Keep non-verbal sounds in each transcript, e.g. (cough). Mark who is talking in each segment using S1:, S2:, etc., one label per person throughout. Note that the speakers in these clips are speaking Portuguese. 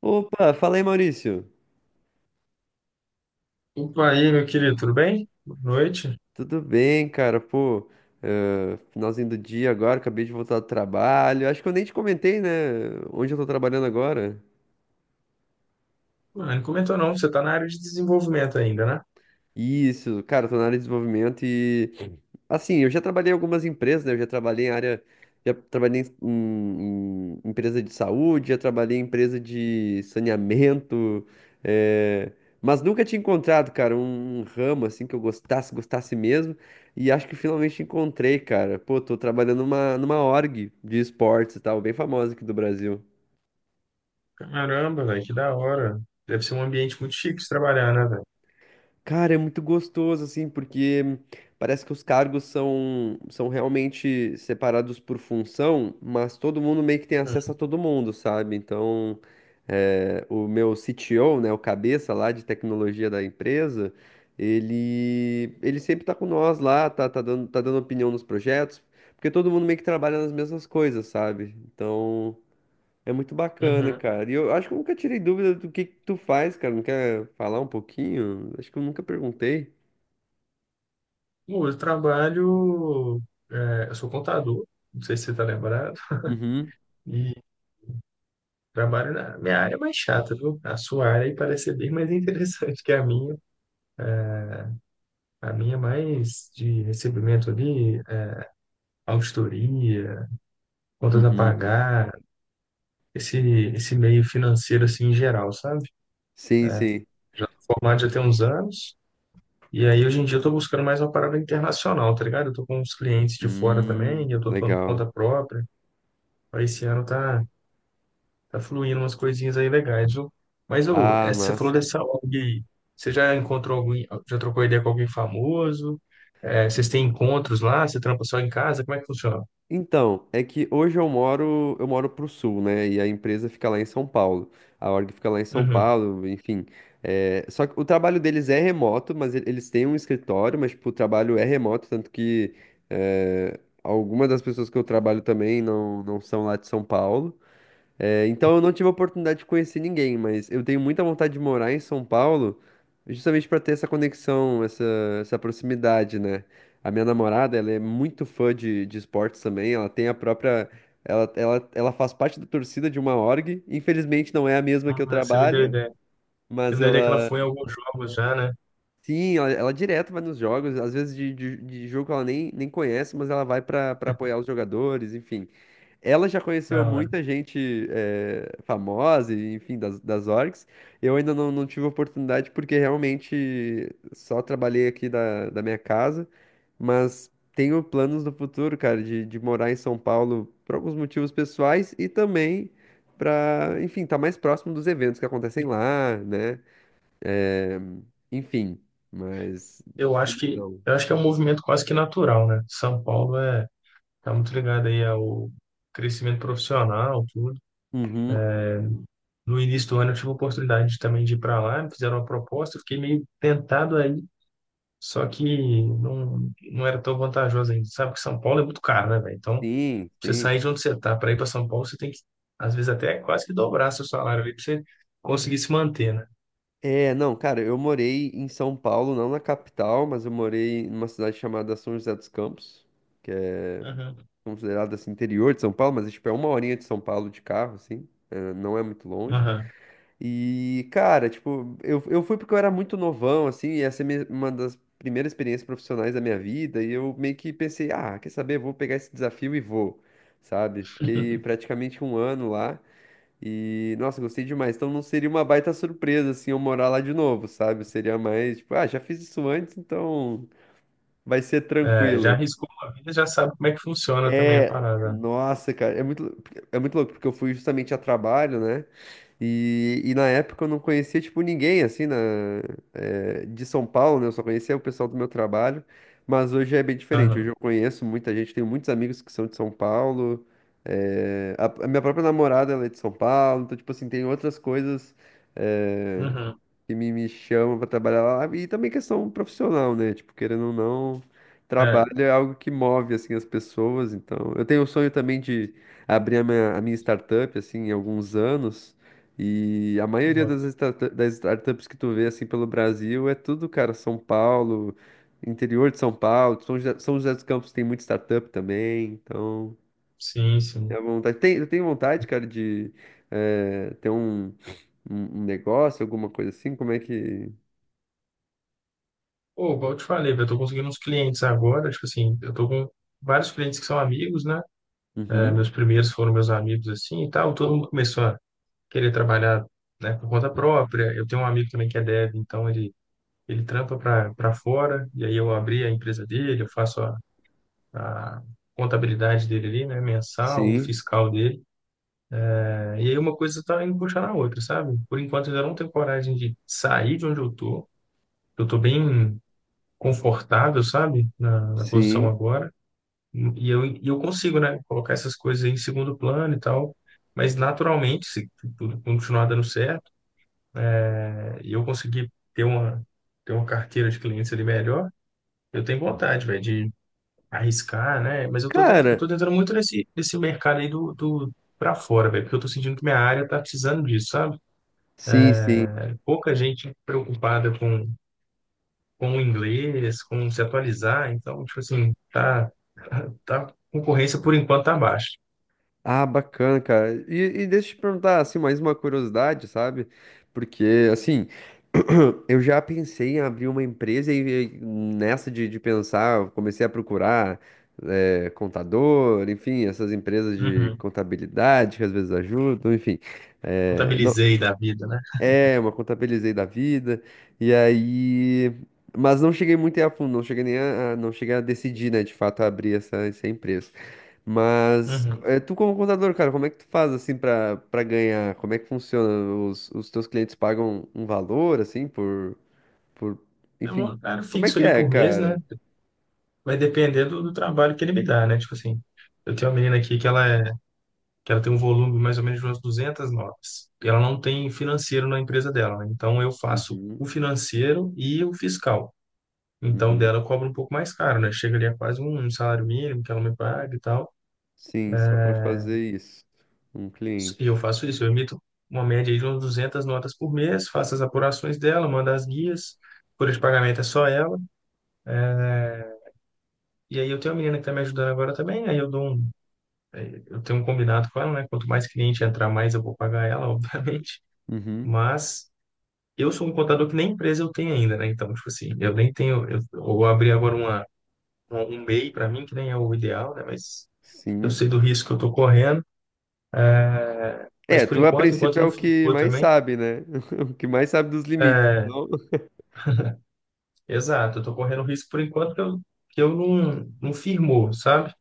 S1: Opa, fala aí, Maurício.
S2: Opa, aí, meu querido, tudo bem? Boa noite.
S1: Tudo bem, cara? Pô, finalzinho do dia agora, acabei de voltar do trabalho. Acho que eu nem te comentei, né? Onde eu tô trabalhando agora.
S2: Mano, não comentou não, você tá na área de desenvolvimento ainda, né?
S1: Isso, cara, eu tô na área de desenvolvimento e assim, eu já trabalhei em algumas empresas, né? Eu já trabalhei em área, já trabalhei em empresa de saúde, já trabalhei em empresa de saneamento, eh, mas nunca tinha encontrado, cara, um ramo assim que eu gostasse, gostasse mesmo. E acho que finalmente encontrei, cara. Pô, tô trabalhando numa org de esportes e tal, bem famosa aqui do Brasil.
S2: Caramba, velho, que da hora. Deve ser um ambiente muito chique de trabalhar, né, velho?
S1: Cara, é muito gostoso, assim, porque parece que os cargos são realmente separados por função, mas todo mundo meio que tem acesso a todo mundo, sabe? Então, é, o meu CTO, né, o cabeça lá de tecnologia da empresa, ele sempre tá com nós lá, tá, tá dando opinião nos projetos, porque todo mundo meio que trabalha nas mesmas coisas, sabe? Então. É muito bacana,
S2: Uhum.
S1: cara. E eu acho que eu nunca tirei dúvida do que tu faz, cara. Não quer falar um pouquinho? Acho que eu nunca perguntei.
S2: Bom, eu trabalho... eu sou contador, não sei se você tá lembrado,
S1: Uhum,
S2: e trabalho na minha área é mais chata, viu? A sua área aí parece ser bem mais (laughs) interessante que a minha. A minha é mais de recebimento ali, auditoria, contas a
S1: uhum.
S2: pagar, esse, esse meio financeiro assim em geral, sabe?
S1: Sim, sim.
S2: Já tô formado já tem uns anos. E aí, hoje em dia, eu tô buscando mais uma parada internacional, tá ligado? Eu tô com uns clientes de fora também, eu tô tomando
S1: Legal.
S2: conta própria. Aí, esse ano tá fluindo umas coisinhas aí legais, viu? Mas, ô,
S1: Ah,
S2: essa, você falou
S1: massa.
S2: dessa ONG aí. Você já encontrou alguém, já trocou ideia com alguém famoso? É, vocês têm encontros lá? Você trampa só em casa? Como é que funciona?
S1: Então, é que hoje eu moro pro sul, né? E a empresa fica lá em São Paulo. A org fica lá em São
S2: Uhum.
S1: Paulo, enfim. É, só que o trabalho deles é remoto, mas eles têm um escritório, mas tipo, o trabalho é remoto, tanto que é, algumas das pessoas que eu trabalho também não, não são lá de São Paulo. É, então eu não tive a oportunidade de conhecer ninguém, mas eu tenho muita vontade de morar em São Paulo, justamente para ter essa conexão, essa proximidade, né? A minha namorada, ela é muito fã de esportes também, ela tem a própria. Ela faz parte da torcida de uma org, infelizmente não é a mesma que
S2: Ah,
S1: eu
S2: você me deu
S1: trabalho,
S2: ideia. Você me
S1: mas
S2: deu ideia que ela
S1: ela.
S2: foi em alguns jogos já, né?
S1: Sim, ela direto vai nos jogos, às vezes de jogo que ela nem conhece, mas ela vai para apoiar os jogadores, enfim. Ela já
S2: Da
S1: conheceu
S2: hora.
S1: muita gente famosa, e, enfim, das orgs. Eu ainda não, não tive oportunidade porque realmente só trabalhei aqui da minha casa. Mas tenho planos no futuro, cara, de morar em São Paulo por alguns motivos pessoais e também para, enfim, estar mais próximo dos eventos que acontecem lá, né? Eh, enfim, mas. Ainda Não.
S2: Eu acho que é um movimento quase que natural, né? São Paulo é tá muito ligado aí ao crescimento profissional, tudo.
S1: Uhum,
S2: No início do ano eu tive a oportunidade de- também de ir para lá, me fizeram uma proposta, eu fiquei meio tentado aí, só que não era tão vantajoso ainda. Sabe que São Paulo é muito caro, né, velho? Então,
S1: sim,
S2: você
S1: sim.
S2: sair de onde você tá para ir para São Paulo, você tem que, às vezes, até quase que dobrar seu salário ali para você conseguir se manter, né?
S1: É, não, cara, eu morei em São Paulo, não na capital, mas eu morei numa cidade chamada São José dos Campos, que é
S2: Aham,
S1: considerada assim interior de São Paulo, mas é, tipo é uma horinha de São Paulo de carro, assim, é, não é muito longe.
S2: aham.
S1: E, cara, tipo, eu fui porque eu era muito novão, assim, e essa uma das primeiras experiências profissionais da minha vida, e eu meio que pensei, ah, quer saber, vou pegar esse desafio e vou, sabe? Fiquei
S2: (laughs)
S1: praticamente um ano lá. E, nossa, gostei demais. Então não seria uma baita surpresa, assim, eu morar lá de novo, sabe? Seria mais, tipo, ah, já fiz isso antes, então vai ser
S2: É, já
S1: tranquilo.
S2: arriscou uma vida, já sabe como é que funciona também a
S1: É,
S2: parada.
S1: nossa, cara, é muito louco, porque eu fui justamente a trabalho, né? E na época eu não conhecia, tipo, ninguém, assim, na, de São Paulo, né? Eu só conhecia o pessoal do meu trabalho, mas hoje é bem diferente. Hoje
S2: Aham,
S1: eu conheço muita gente, tenho muitos amigos que são de São Paulo, a minha própria namorada, ela é de São Paulo, então, tipo assim, tem outras coisas, eh,
S2: aham.
S1: que me chama para trabalhar lá, e também questão profissional, né? Tipo, querendo ou não,
S2: É,
S1: trabalho é algo que move, assim, as pessoas, então... Eu tenho o sonho também de abrir a minha startup, assim, em alguns anos, e a maioria
S2: boto.
S1: das startups que tu vê, assim, pelo Brasil é tudo, cara, São Paulo, interior de São Paulo, São José, São José dos Campos tem muita startup também, então...
S2: Sim, sim.
S1: é vontade. Eu tenho vontade, cara, de ter um um negócio, alguma coisa assim. Como é que,
S2: Pô, igual eu te falei, velho, eu tô conseguindo uns clientes agora, tipo assim, eu tô com vários clientes que são amigos, né? É,
S1: uhum.
S2: meus primeiros foram meus amigos, assim, e tal. Todo mundo começou a querer trabalhar, né, por conta própria. Eu tenho um amigo também que é dev, então ele trampa para fora, e aí eu abri a empresa dele, eu faço a contabilidade dele ali, né, mensal,
S1: Sim,
S2: fiscal dele. É, e aí uma coisa tá indo puxar na outra, sabe? Por enquanto eu ainda não tenho coragem de sair de onde eu tô. Eu tô bem confortável, sabe? Na posição
S1: sim.
S2: agora e e eu consigo, né, colocar essas coisas aí em segundo plano e tal, mas naturalmente, se tudo continuar dando certo, né, e eu conseguir ter ter uma carteira de clientes ali melhor, eu tenho vontade, velho, de arriscar, né? Mas eu
S1: Cara,
S2: tô tentando muito nesse mercado aí do para fora, velho, porque eu tô sentindo que minha área tá precisando disso, sabe?
S1: sim, sim.
S2: É, pouca gente preocupada com o inglês, com se atualizar, então, tipo assim, (laughs) tá, a concorrência por enquanto tá baixa.
S1: Ah, bacana, cara. E deixa eu te perguntar, assim, mais uma curiosidade, sabe? Porque, assim, (clears throat) eu já pensei em abrir uma empresa e nessa de pensar, eu comecei a procurar, contador, enfim, essas empresas de
S2: Uhum.
S1: contabilidade que às vezes ajudam, enfim. Eh,
S2: Contabilizei da vida, né?
S1: É, uma contabilizei da vida. E aí. Mas não cheguei muito a fundo, não cheguei nem a, não cheguei a decidir, né, de fato, abrir essa, essa empresa. Mas
S2: Uhum.
S1: é, tu como contador, cara, como é que tu faz assim pra para ganhar? Como é que funciona? Os teus clientes pagam um valor assim por
S2: É um
S1: enfim,
S2: horário
S1: como é
S2: fixo
S1: que
S2: ali
S1: é,
S2: por mês, né?
S1: cara?
S2: Vai depender do trabalho que ele me dá, né? Tipo assim, eu tenho uma menina aqui que que ela tem um volume mais ou menos de umas 200 notas. E ela não tem financeiro na empresa dela, né? Então eu faço
S1: Uhum,
S2: o financeiro e o fiscal. Então
S1: uhum.
S2: dela eu cobro um pouco mais caro, né? Chega ali a quase um salário mínimo que ela me paga e tal.
S1: Sim, só pra fazer isso. Um
S2: E eu
S1: cliente.
S2: faço isso, eu emito uma média aí de umas 200 notas por mês, faço as apurações dela, mando as guias. Folha de pagamento é só ela. E aí eu tenho uma menina que tá me ajudando agora também. Aí eu dou um Eu tenho um combinado com ela, né? Quanto mais cliente entrar, mais eu vou pagar ela, (laughs) obviamente.
S1: Uhum.
S2: Mas eu sou um contador que nem empresa eu tenho ainda, né? Então, tipo assim, eu nem tenho. Eu vou abrir agora um MEI para mim, que nem é o ideal, né? Mas eu
S1: Sim.
S2: sei do risco que eu estou correndo. É, mas
S1: É,
S2: por
S1: tu a
S2: enquanto, enquanto
S1: princípio é
S2: não
S1: o que
S2: firmou
S1: mais
S2: também.
S1: sabe, né? (laughs) O que mais sabe dos limites.
S2: É,
S1: Não?
S2: exato, eu estou correndo risco por enquanto que eu não firmou, sabe?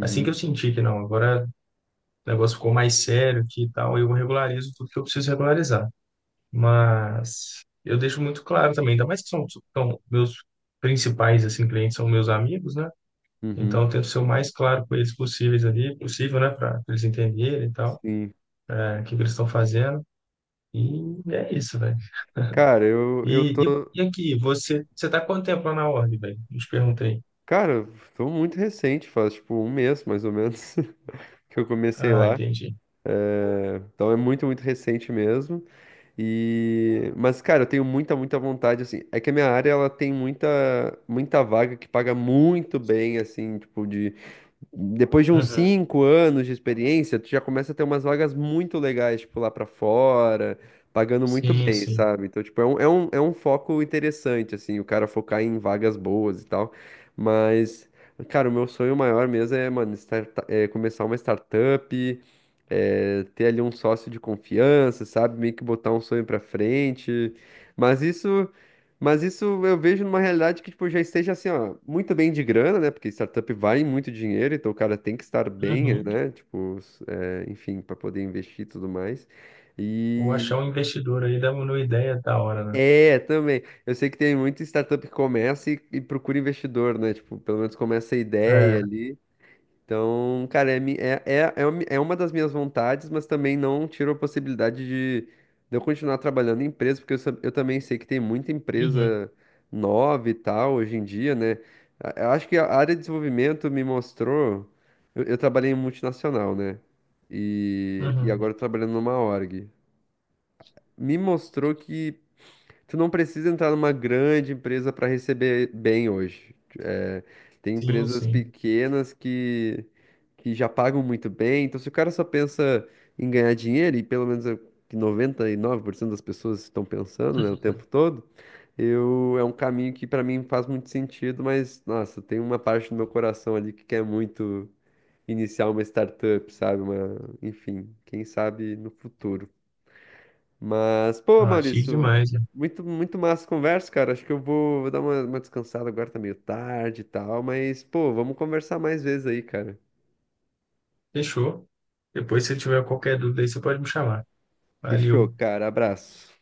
S2: Assim que eu senti que não, agora o negócio ficou mais sério aqui e tal, eu regularizo tudo que eu preciso regularizar. Mas eu deixo muito claro também, ainda mais são meus principais assim clientes são meus amigos, né? Então
S1: uhum,
S2: eu tento ser o mais claro com eles possíveis ali, possível, né, para eles entenderem e tal,
S1: sim.
S2: é, o que que eles estão fazendo. E é isso, velho.
S1: Cara, eu
S2: E, e,
S1: tô.
S2: e aqui, você tá quanto tempo lá na ordem, velho? Não te perguntei.
S1: Cara, tô muito recente, faz tipo um mês mais ou menos (laughs) que eu comecei
S2: Ah,
S1: lá.
S2: entendi.
S1: Então é muito, muito recente mesmo. E mas cara, eu tenho muita, muita vontade assim. É que a minha área ela tem muita, muita vaga que paga muito bem assim, tipo de depois de uns
S2: Uhum.
S1: 5 anos de experiência, tu já começa a ter umas vagas muito legais, tipo, lá pra fora, pagando muito
S2: Sim,
S1: bem,
S2: sim.
S1: sabe? Então, tipo, é é um foco interessante, assim, o cara focar em vagas boas e tal. Mas, cara, o meu sonho maior mesmo é, mano, é começar uma startup, é, ter ali um sócio de confiança, sabe? Meio que botar um sonho pra frente. Mas isso. Mas isso eu vejo numa realidade que, tipo, já esteja assim, ó, muito bem de grana, né? Porque startup vai em muito dinheiro, então o cara tem que estar bem,
S2: Uhum.
S1: né? Tipo, é, enfim, para poder investir e tudo mais.
S2: Ou
S1: E
S2: achar um investidor aí dá uma ideia da hora, né?
S1: é, também. Eu sei que tem muita startup que começa e procura investidor, né? Tipo, pelo menos começa a ideia
S2: É.
S1: ali. Então, cara, é uma das minhas vontades, mas também não tiro a possibilidade de eu continuar trabalhando em empresa, porque eu também sei que tem muita
S2: Uhum.
S1: empresa nova e tal hoje em dia, né? Eu acho que a área de desenvolvimento me mostrou. Eu trabalhei em multinacional, né? E
S2: Uhum.
S1: agora eu tô trabalhando numa org. Me mostrou que. Tu não precisa entrar numa grande empresa para receber bem hoje. É, tem
S2: Sim,
S1: empresas
S2: sim.
S1: pequenas que já pagam muito bem. Então, se o cara só pensa em ganhar dinheiro, e pelo menos é o que 99% das pessoas estão pensando, né, o tempo
S2: (laughs)
S1: todo, eu, é um caminho que para mim faz muito sentido, mas, nossa, tem uma parte do meu coração ali que quer muito iniciar uma startup, sabe? Uma, enfim, quem sabe no futuro. Mas, pô,
S2: Ah, chique
S1: Maurício,
S2: demais. Né?
S1: muito, muito massa a conversa, cara. Acho que eu vou dar uma descansada agora, tá meio tarde e tal. Mas, pô, vamos conversar mais vezes aí, cara.
S2: Fechou. Depois, se tiver qualquer dúvida aí, você pode me chamar.
S1: Fechou,
S2: Valeu.
S1: cara. Abraço.